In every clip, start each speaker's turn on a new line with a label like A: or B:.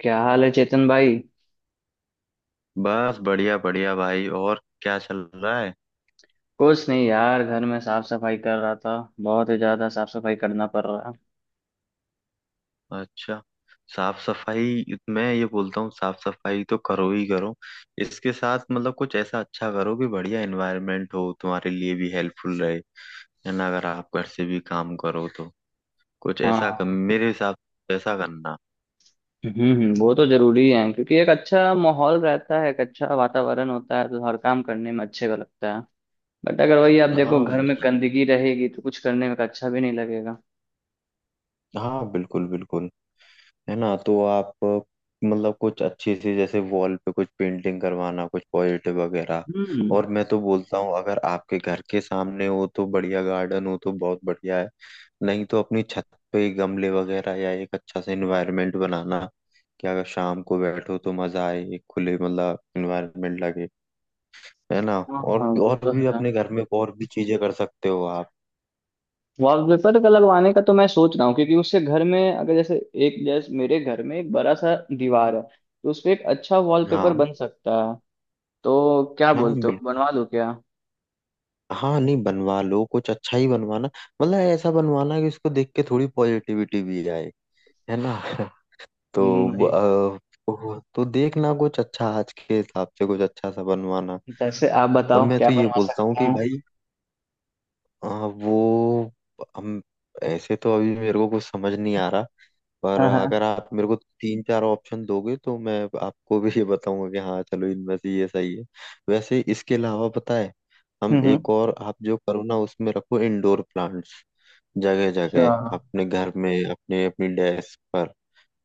A: क्या हाल है चेतन भाई।
B: बस बढ़िया बढ़िया भाई। और क्या चल रहा है?
A: कुछ नहीं यार, घर में साफ सफाई कर रहा था। बहुत ही ज्यादा साफ सफाई करना पड़ रहा है।
B: अच्छा। साफ सफाई। मैं ये बोलता हूँ साफ सफाई तो करो ही करो। इसके साथ मतलब कुछ ऐसा अच्छा करो कि बढ़िया एनवायरनमेंट हो, तुम्हारे लिए भी हेल्पफुल रहे। है ना? अगर आप घर से भी काम करो तो कुछ
A: हाँ
B: ऐसा कर,
A: हाँ।
B: मेरे हिसाब से ऐसा करना।
A: वो तो जरूरी है क्योंकि एक अच्छा माहौल रहता है, एक अच्छा वातावरण होता है तो हर काम करने में अच्छे का लगता है। बट अगर वही आप देखो,
B: हाँ
A: घर में
B: बिल्कुल।
A: गंदगी रहेगी तो कुछ करने में अच्छा भी नहीं लगेगा।
B: हाँ बिल्कुल बिल्कुल। है ना? तो आप मतलब कुछ अच्छी सी जैसे वॉल पे कुछ पेंटिंग करवाना, कुछ पॉजिटिव वगैरह।
A: हम्म।
B: और मैं तो बोलता हूँ अगर आपके घर के सामने हो तो बढ़िया, गार्डन हो तो बहुत बढ़िया है। नहीं तो अपनी छत पे गमले वगैरह, या एक अच्छा सा इन्वायरमेंट बनाना कि अगर शाम को बैठो तो मजा आए, एक खुले मतलब इन्वायरमेंट लगे। है ना?
A: हाँ हाँ, वो
B: और
A: तो
B: भी
A: है।
B: अपने घर में और भी चीजें कर सकते हो आप।
A: वॉलपेपर का लगवाने का तो मैं सोच रहा हूँ क्योंकि उससे घर में, अगर जैसे एक जैसे मेरे घर में एक बड़ा सा दीवार है तो उसपे एक अच्छा वॉलपेपर
B: हाँ
A: बन सकता है। तो क्या
B: हाँ।
A: बोलते हो, बनवा दूं क्या?
B: हाँ नहीं, बनवा लो कुछ अच्छा ही बनवाना। मतलब ऐसा बनवाना कि उसको देख के थोड़ी पॉजिटिविटी भी आए। है ना?
A: हम्म,
B: तो
A: वही।
B: अ, तो देखना कुछ अच्छा, आज के हिसाब से कुछ अच्छा सा बनवाना।
A: जैसे आप
B: और
A: बताओ,
B: मैं
A: क्या
B: तो ये
A: बनवा
B: बोलता हूँ
A: सकता
B: कि
A: हूँ?
B: भाई अ, वो हम ऐसे तो अभी मेरे को कुछ समझ नहीं आ रहा। पर
A: हाँ हाँ।
B: अगर आप मेरे को तीन चार ऑप्शन दोगे तो मैं आपको भी ये बताऊंगा कि हाँ चलो इनमें से ये सही है। वैसे इसके अलावा पता है
A: हम्म
B: हम एक
A: हम्म।
B: और आप जो करो ना उसमें रखो इंडोर प्लांट्स। जगह
A: अच्छा।
B: जगह अपने घर में, अपने अपनी डेस्क पर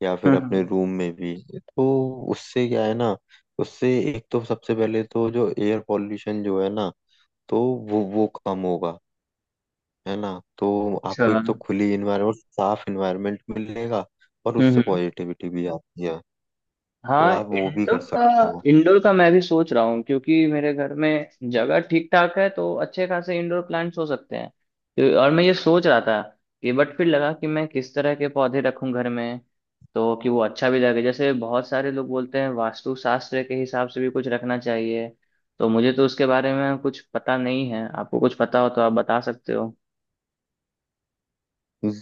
B: या फिर
A: हम्म हम्म।
B: अपने रूम में भी तो। उससे क्या है ना, उससे एक तो सबसे पहले तो जो एयर पॉल्यूशन जो है ना, तो वो कम होगा। है ना? तो
A: अच्छा।
B: आपको एक तो खुली इन्वायरमेंट, साफ इन्वायरमेंट मिलेगा। और उससे
A: हम्म।
B: पॉजिटिविटी भी आती है। तो
A: हाँ,
B: आप वो भी
A: इंडोर
B: कर
A: का।
B: सकते हो।
A: इंडोर का मैं भी सोच रहा हूँ क्योंकि मेरे घर में जगह ठीक ठाक है तो अच्छे खासे इंडोर प्लांट्स हो सकते हैं। और मैं ये सोच रहा था कि बट फिर लगा कि मैं किस तरह के पौधे रखूं घर में। तो कि वो अच्छा भी लगे, जैसे बहुत सारे लोग बोलते हैं वास्तु शास्त्र के हिसाब से भी कुछ रखना चाहिए। तो मुझे तो उसके बारे में कुछ पता नहीं है, आपको कुछ पता हो तो आप बता सकते हो।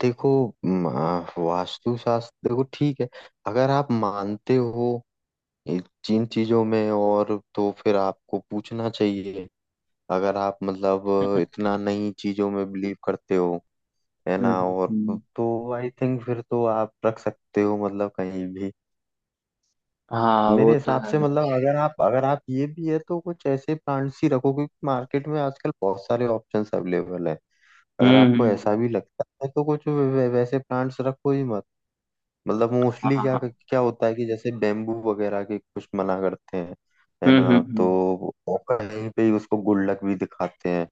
B: देखो वास्तु शास्त्र देखो ठीक है। अगर आप मानते हो ये जिन चीजों में, और तो फिर आपको पूछना चाहिए। अगर आप मतलब
A: हम्म
B: इतना नई चीजों में बिलीव करते हो, है ना?
A: हम्म,
B: और
A: हम्म।
B: तो आई थिंक फिर तो आप रख सकते हो मतलब कहीं भी।
A: हाँ, वो
B: मेरे
A: तो
B: हिसाब
A: है।
B: से मतलब अगर आप ये भी है तो कुछ ऐसे प्लांट्स ही रखो, क्योंकि मार्केट में आजकल बहुत सारे ऑप्शंस अवेलेबल है। अगर आपको
A: हम्म।
B: ऐसा भी लगता है तो कुछ वैसे प्लांट्स रखो ही मत। मतलब
A: हाँ
B: मोस्टली
A: हाँ,
B: क्या
A: हाँ।
B: क्या होता है कि जैसे बेम्बू वगैरह के कुछ मना करते हैं। है ना? तो
A: हम्म।
B: वो कहीं पे ही उसको गुल्लक भी दिखाते हैं।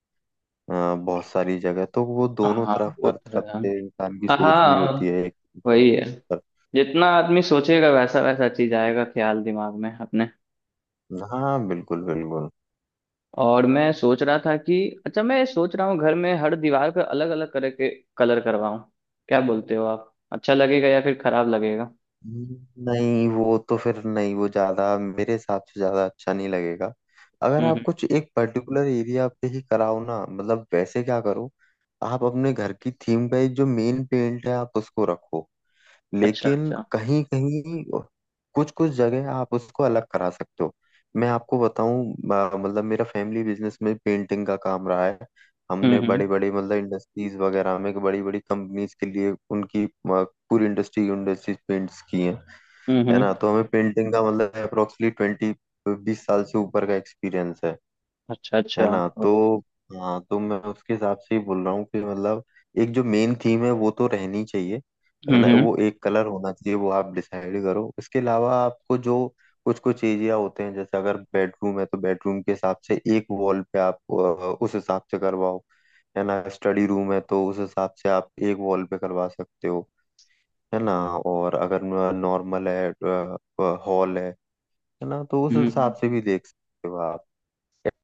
B: बहुत सारी जगह तो वो दोनों
A: हाँ,
B: तरफ,
A: वो
B: हर
A: तो है।
B: तरफ से इंसान की
A: हाँ
B: सोच भी होती है
A: हाँ,
B: एक
A: वही है। जितना आदमी सोचेगा वैसा वैसा चीज आएगा, ख्याल दिमाग में अपने।
B: तरफ। हाँ बिल्कुल बिल्कुल।
A: और मैं सोच रहा था कि अच्छा, मैं सोच रहा हूँ घर में हर दीवार पर अलग अलग तरह के कलर करवाऊं। क्या बोलते हो आप, अच्छा लगेगा या फिर खराब लगेगा?
B: नहीं, वो तो फिर नहीं, वो ज्यादा मेरे हिसाब से ज्यादा अच्छा नहीं लगेगा। अगर
A: हम्म
B: आप
A: हम्म,
B: कुछ एक पर्टिकुलर एरिया पे ही कराओ ना, मतलब वैसे क्या करो, आप अपने घर की थीम का एक जो मेन पेंट है, आप उसको रखो।
A: अच्छा
B: लेकिन
A: अच्छा।
B: कहीं कहीं, कुछ कुछ जगह आप उसको अलग करा सकते हो। मैं आपको बताऊं, मतलब मेरा फैमिली बिजनेस में पेंटिंग का काम रहा है।
A: हम्म
B: हमने
A: हम्म
B: बड़े बड़े मतलब इंडस्ट्रीज वगैरह में, बड़ी बड़ी कंपनीज के लिए उनकी पूरी इंडस्ट्रीज पेंट्स की हैं।
A: हम्म
B: है ना?
A: हम्म,
B: तो हमें पेंटिंग का मतलब अप्रोक्सली 20, 20 साल से ऊपर का एक्सपीरियंस है।
A: अच्छा
B: है
A: अच्छा।
B: ना? तो हाँ, तो मैं उसके हिसाब से ही बोल रहा हूँ कि मतलब एक जो मेन थीम है वो तो रहनी चाहिए। है ना?
A: हम्म
B: वो एक कलर होना चाहिए, वो आप डिसाइड करो। इसके अलावा आपको जो कुछ कुछ एरिया होते हैं, जैसे अगर बेडरूम है तो बेडरूम के हिसाब से एक वॉल पे आप उस हिसाब से करवाओ। है ना? स्टडी रूम है तो उस हिसाब से आप एक वॉल पे करवा सकते हो। है ना? और अगर नॉर्मल है, हॉल है ना, तो उस
A: हम्म हम्म,
B: हिसाब से
A: हम्म।
B: भी देख सकते हो आप।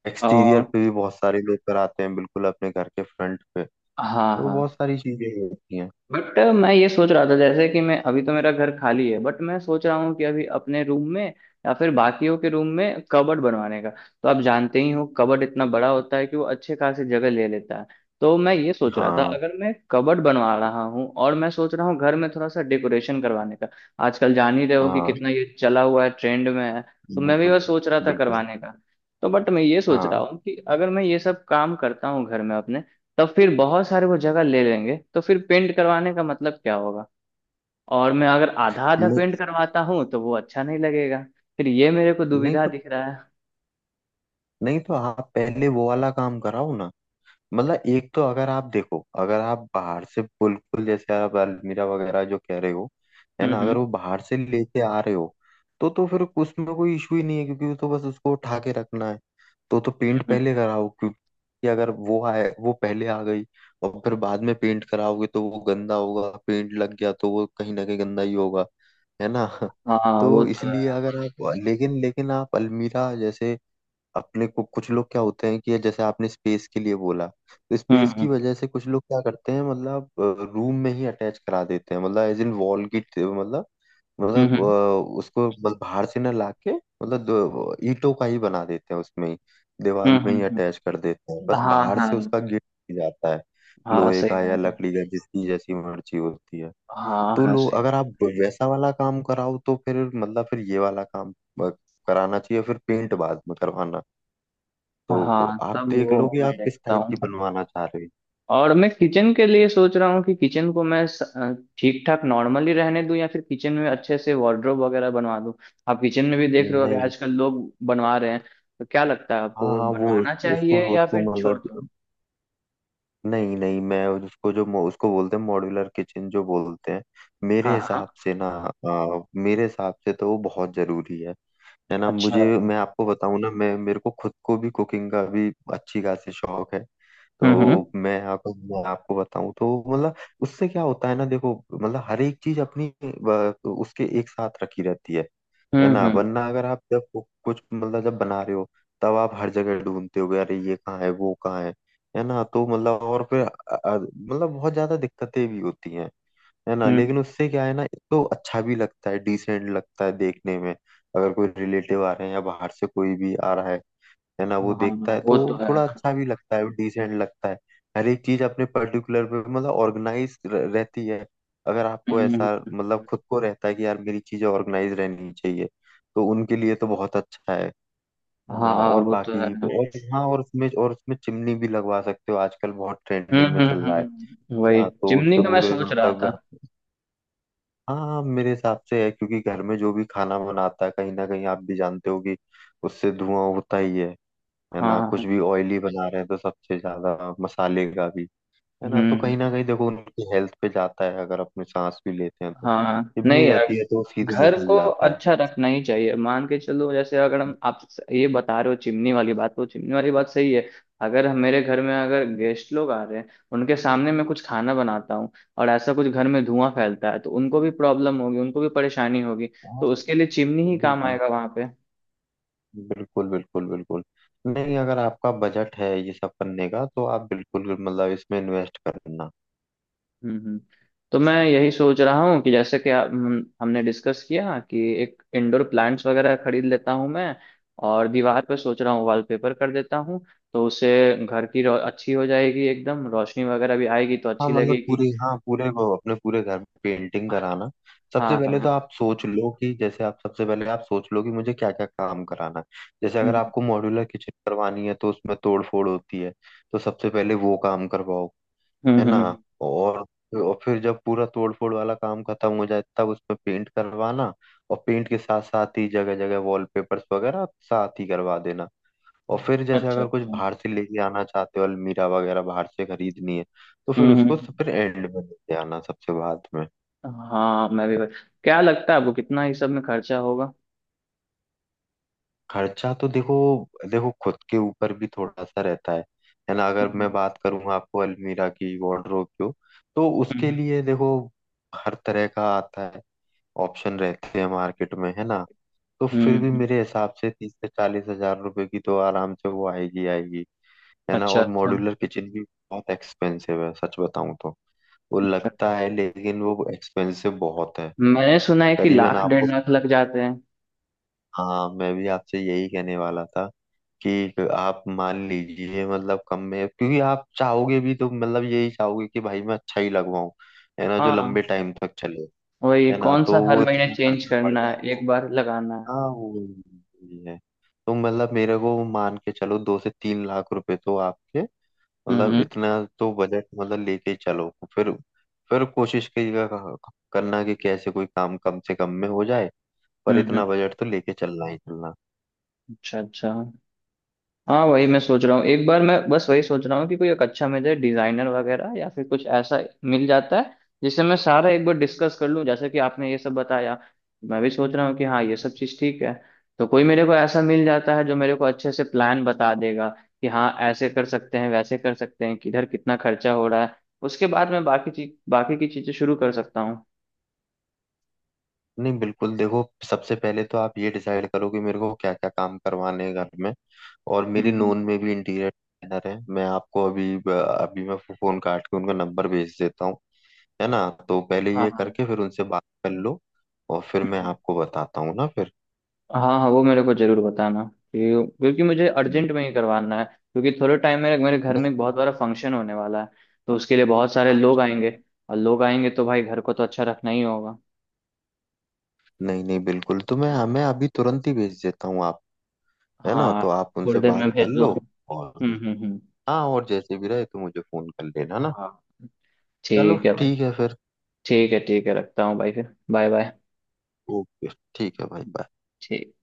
B: एक्सटीरियर
A: और
B: पे भी बहुत सारे लोग कराते हैं, बिल्कुल अपने घर के फ्रंट पे।
A: हाँ
B: तो
A: हाँ।
B: बहुत सारी चीजें ही होती हैं।
A: बट मैं ये सोच रहा था जैसे कि मैं अभी तो मेरा घर खाली है, बट मैं सोच रहा हूँ कि अभी अपने रूम में या फिर बाकियों के रूम में कबर्ड बनवाने का। तो आप जानते ही हो, कबर्ड इतना बड़ा होता है कि वो अच्छे खासी जगह ले लेता है। तो मैं ये सोच रहा था,
B: हाँ
A: अगर मैं कबर्ड बनवा रहा हूँ और मैं सोच रहा हूँ घर में थोड़ा सा डेकोरेशन करवाने का। आजकल जान ही रहे हो कि
B: हाँ।
A: कितना ये चला हुआ है, ट्रेंड में है, तो मैं भी
B: बिल्कुल
A: बस सोच रहा था
B: बिल्कुल।
A: करवाने का। तो बट मैं ये सोच रहा
B: हाँ,
A: हूँ कि अगर मैं ये सब काम करता हूँ घर में अपने, तब फिर बहुत सारे वो जगह ले लेंगे तो फिर पेंट करवाने का मतलब क्या होगा। और मैं अगर आधा आधा
B: नहीं
A: पेंट करवाता हूँ तो वो अच्छा नहीं लगेगा। फिर ये मेरे को
B: नहीं
A: दुविधा
B: तो,
A: दिख रहा है।
B: आप पहले वो वाला काम कराओ ना। मतलब एक तो अगर आप देखो, अगर आप बाहर से बिल्कुल, जैसे आप अलमीरा वगैरह जो कह रहे हो, है
A: हम्म
B: ना, अगर
A: हम्म
B: वो बाहर से लेके आ रहे हो, तो फिर उसमें कोई इशू ही नहीं है क्योंकि वो तो बस उसको उठा के रखना है। तो पेंट
A: हम्म, हम्म,
B: पहले कराओ, क्योंकि अगर वो आए, वो पहले आ गई और फिर बाद में पेंट कराओगे तो वो गंदा होगा, पेंट लग गया तो वो कहीं ना कहीं गंदा ही होगा। है ना?
A: हाँ वो
B: तो
A: तो
B: इसलिए
A: है।
B: अगर आप, लेकिन लेकिन आप अलमीरा जैसे अपने को, कुछ लोग क्या होते हैं कि जैसे आपने स्पेस के लिए बोला, तो
A: हम्म
B: स्पेस की
A: हम्म
B: वजह से कुछ लोग क्या करते हैं, मतलब रूम में ही अटैच करा देते हैं, मतलब एज इन वॉल की। मतलब
A: हम्म हम्म
B: उसको बस बाहर से ना लाके, मतलब ईंटों का ही बना देते हैं, उसमें ही
A: हम्म,
B: दीवार में ही
A: हम्म, हम्म।
B: अटैच कर देते हैं। बस
A: हाँ
B: बाहर
A: हाँ।
B: से उसका गेट जाता है,
A: हाँ,
B: लोहे
A: सही
B: का या
A: बात है।
B: लकड़ी का, जिसकी जैसी मर्जी होती है।
A: हाँ
B: तो
A: हाँ,
B: लोग,
A: सही
B: अगर
A: बात।
B: आप वैसा वाला काम कराओ तो फिर मतलब फिर ये वाला काम अ, कराना चाहिए, फिर पेंट बाद में करवाना। तो
A: हाँ,
B: आप
A: तब
B: देख
A: वो
B: लो कि
A: मैं
B: आप किस
A: देखता
B: टाइप
A: हूँ।
B: की बनवाना चाह रहे
A: और मैं किचन के लिए सोच रहा हूँ कि किचन को मैं ठीक ठाक नॉर्मली रहने दूं या फिर किचन में अच्छे से वार्डरोब वगैरह बनवा दूं। आप किचन में भी देख
B: हो।
A: रहे हो कि
B: नहीं नहीं।
A: आजकल लोग बनवा रहे हैं, तो क्या लगता है आपको
B: हाँ
A: वो
B: हाँ। वो,
A: बनवाना
B: उसको
A: चाहिए या
B: उसको
A: फिर छोड़ दूं?
B: मतलब, नहीं नहीं, मैं उसको जो उसको बोलते हैं मॉड्यूलर किचन जो बोलते हैं। मेरे
A: हाँ
B: हिसाब
A: हाँ।
B: से ना, मेरे हिसाब से तो वो बहुत जरूरी है। है ना?
A: अच्छा।
B: मुझे, मैं आपको बताऊं ना, मैं मेरे को खुद को भी कुकिंग का भी अच्छी खासी शौक है।
A: हम्म हम्म
B: तो मैं आपको बताऊं तो मतलब उससे क्या होता है ना, देखो, मतलब हर एक चीज अपनी उसके एक साथ रखी रहती है। है
A: हम्म
B: ना?
A: हम्म
B: वरना अगर आप जब कुछ मतलब जब बना रहे हो, तब आप हर जगह ढूंढते हो अरे ये कहाँ है वो कहाँ है। है ना? तो मतलब, और फिर मतलब बहुत ज्यादा दिक्कतें भी होती हैं। है ना?
A: हम्म,
B: लेकिन उससे क्या है ना, एक तो अच्छा भी लगता है, डिसेंट लगता है देखने में। अगर कोई रिलेटिव आ रहे हैं या बाहर से कोई भी आ रहा है ना, वो
A: हाँ
B: देखता है तो
A: वो तो
B: थोड़ा
A: है।
B: अच्छा भी लगता है, डिसेंट लगता है। हर एक चीज अपने पर्टिकुलर पे मतलब ऑर्गेनाइज रहती है। अगर आपको
A: हम्म हम्म,
B: ऐसा
A: हम्म।
B: मतलब खुद को रहता है कि यार मेरी चीजें ऑर्गेनाइज रहनी चाहिए, तो उनके लिए तो बहुत अच्छा है। है ना?
A: हाँ,
B: और
A: वो तो है।
B: बाकी। और हाँ, और उसमें, चिमनी भी लगवा सकते हो, आजकल बहुत ट्रेंडिंग में चल रहा है।
A: हम्म, वही
B: हाँ, तो
A: चिमनी
B: उससे
A: का मैं
B: पूरे
A: सोच रहा
B: मतलब
A: था।
B: घर। हाँ मेरे हिसाब से है, क्योंकि घर में जो भी खाना बनाता है कहीं ना कहीं आप भी जानते हो कि उससे धुआं होता ही है। है ना?
A: हाँ।
B: कुछ भी ऑयली बना रहे हैं तो सबसे ज्यादा मसाले का भी। है
A: हम्म
B: ना? तो कहीं
A: हम्म,
B: ना कहीं देखो उनकी हेल्थ पे जाता है। अगर अपने सांस भी लेते हैं तो,
A: हाँ नहीं
B: चिमनी
A: यार,
B: रहती है तो सीधे में
A: घर को
B: घुल जाता है।
A: अच्छा रखना ही चाहिए। मान के चलो, जैसे अगर हम आप ये बता रहे हो चिमनी वाली बात, तो चिमनी वाली बात सही है। अगर हम मेरे घर में अगर गेस्ट लोग आ रहे हैं, उनके सामने मैं कुछ खाना बनाता हूँ और ऐसा कुछ घर में धुआं फैलता है, तो उनको भी प्रॉब्लम होगी, उनको भी परेशानी होगी।
B: हाँ,
A: तो उसके लिए चिमनी ही काम
B: बिल्कुल
A: आएगा वहां पे।
B: बिल्कुल बिल्कुल बिल्कुल। नहीं, अगर आपका बजट है ये सब करने का तो आप बिल्कुल मतलब इसमें इन्वेस्ट करना।
A: हम्म हम्म। तो मैं यही सोच रहा हूँ कि जैसे कि हम हमने डिस्कस किया कि एक इंडोर प्लांट्स वगैरह खरीद लेता हूँ मैं, और दीवार पर सोच रहा हूँ वॉलपेपर कर देता हूँ। तो उससे घर की अच्छी हो जाएगी, एकदम रोशनी वगैरह भी आएगी तो
B: हाँ
A: अच्छी
B: मतलब
A: लगेगी।
B: पूरी, हाँ पूरे वो अपने पूरे घर में पेंटिंग कराना। सबसे
A: हाँ
B: पहले तो
A: हाँ।
B: आप सोच लो कि जैसे आप सबसे पहले आप सोच लो कि मुझे क्या क्या काम कराना है। जैसे अगर
A: हम्म
B: आपको मॉड्यूलर किचन करवानी है तो उसमें तोड़ फोड़ होती है। तो सबसे पहले वो काम करवाओ।
A: हम्म
B: है
A: हम्म
B: ना?
A: हम्म।
B: और फिर जब पूरा तोड़ फोड़ वाला काम खत्म हो जाए, तब उसमें पेंट करवाना। और पेंट के साथ साथ ही जगह जगह वॉलपेपर्स वगैरह साथ ही करवा देना। और फिर जैसे
A: अच्छा
B: अगर कुछ
A: अच्छा।
B: बाहर से लेके आना चाहते हो, अलमीरा वगैरह बाहर से खरीदनी है, तो फिर
A: हम्म
B: उसको
A: हम्म।
B: फिर एंड में लेके आना, सबसे बाद में।
A: हाँ मैं भी। क्या लगता है आपको कितना इस सब में खर्चा होगा?
B: खर्चा तो देखो, देखो खुद के ऊपर भी थोड़ा सा रहता है। है ना? अगर मैं
A: हम्म
B: बात करूँ आपको अलमीरा की, वार्डरोब की, तो उसके
A: हम्म
B: लिए देखो हर तरह का आता है। ऑप्शन रहते हैं मार्केट में, है ना? तो
A: हम्म
B: फिर भी
A: हम्म।
B: मेरे हिसाब से 30 से 40 हजार रुपए की तो आराम से वो आएगी आएगी। है ना?
A: अच्छा
B: और
A: अच्छा।
B: मॉड्यूलर किचन भी बहुत एक्सपेंसिव है, सच बताऊं तो। वो
A: अच्छा अच्छा।
B: लगता है, लेकिन वो एक्सपेंसिव बहुत है।
A: मैंने सुना है कि
B: करीबन
A: लाख डेढ़
B: आपको,
A: लाख लग जाते हैं।
B: हाँ मैं भी आपसे यही कहने वाला था कि आप मान लीजिए मतलब कम में, क्योंकि आप चाहोगे भी तो मतलब यही चाहोगे कि भाई मैं अच्छा ही लगवाऊं। है ना? जो लंबे
A: हाँ,
B: टाइम तक चले।
A: वही,
B: है ना?
A: कौन सा
B: तो
A: हर
B: वो
A: महीने
B: इतना
A: चेंज
B: खर्चा पड़
A: करना है,
B: जाता है।
A: एक बार लगाना है।
B: हाँ वो भी है। तो मतलब मेरे को मान के चलो 2 से 3 लाख रुपए तो आपके,
A: हम्म
B: मतलब
A: हम्म
B: इतना, तो बजट मतलब लेके चलो। फिर कोशिश कीजिएगा करना कि कैसे कोई काम कम से कम में हो जाए। पर
A: हम्म
B: इतना
A: हम्म।
B: बजट तो लेके चलना ही चलना।
A: अच्छा अच्छा। हाँ, वही मैं सोच रहा हूँ। एक बार मैं बस वही सोच रहा हूँ कि कोई एक अच्छा मुझे डिजाइनर वगैरह या फिर कुछ ऐसा मिल जाता है जिससे मैं सारा एक बार डिस्कस कर लूँ, जैसे कि आपने ये सब बताया। मैं भी सोच रहा हूँ कि हाँ, ये सब चीज़ ठीक है। तो कोई मेरे को ऐसा मिल जाता है जो मेरे को अच्छे से प्लान बता देगा कि हाँ, ऐसे कर सकते हैं, वैसे कर सकते हैं, किधर कितना खर्चा हो रहा है। उसके बाद मैं बाकी की चीज़ें शुरू कर सकता हूँ।
B: नहीं बिल्कुल, देखो, सबसे पहले तो आप ये डिसाइड करो कि मेरे को क्या क्या काम करवाने हैं घर में। और मेरी
A: हम्म हम्म।
B: नोन में भी इंटीरियर डिजाइनर है, मैं आपको अभी अभी मैं फोन काट के उनका नंबर भेज देता हूँ। है ना? तो पहले
A: हाँ
B: ये
A: हाँ।
B: करके फिर उनसे बात कर लो। और फिर मैं
A: हम्म,
B: आपको बताता हूँ ना फिर।
A: हाँ हाँ वो मेरे को जरूर बताना क्योंकि मुझे
B: हम्म।
A: अर्जेंट में ही करवाना है, क्योंकि थोड़े टाइम में मेरे घर में एक बहुत बड़ा फंक्शन होने वाला है। तो उसके लिए बहुत सारे लोग
B: डन।
A: आएंगे, और लोग आएंगे तो भाई, घर को तो अच्छा रखना ही होगा।
B: नहीं नहीं, बिल्कुल, तो मैं अभी तुरंत ही भेज देता हूँ आप। है ना?
A: हाँ,
B: तो आप
A: थोड़ी
B: उनसे
A: देर
B: बात
A: में
B: कर
A: भेज दो।
B: लो। और
A: हम्म।
B: हाँ, और जैसे भी रहे तो मुझे फोन कर लेना ना।
A: हाँ।
B: चलो
A: ठीक है भाई।
B: ठीक है फिर।
A: ठीक है, ठीक है, रखता हूँ भाई, फिर बाय बाय।
B: ओके। ठीक है भाई। बाय।
A: ठीक।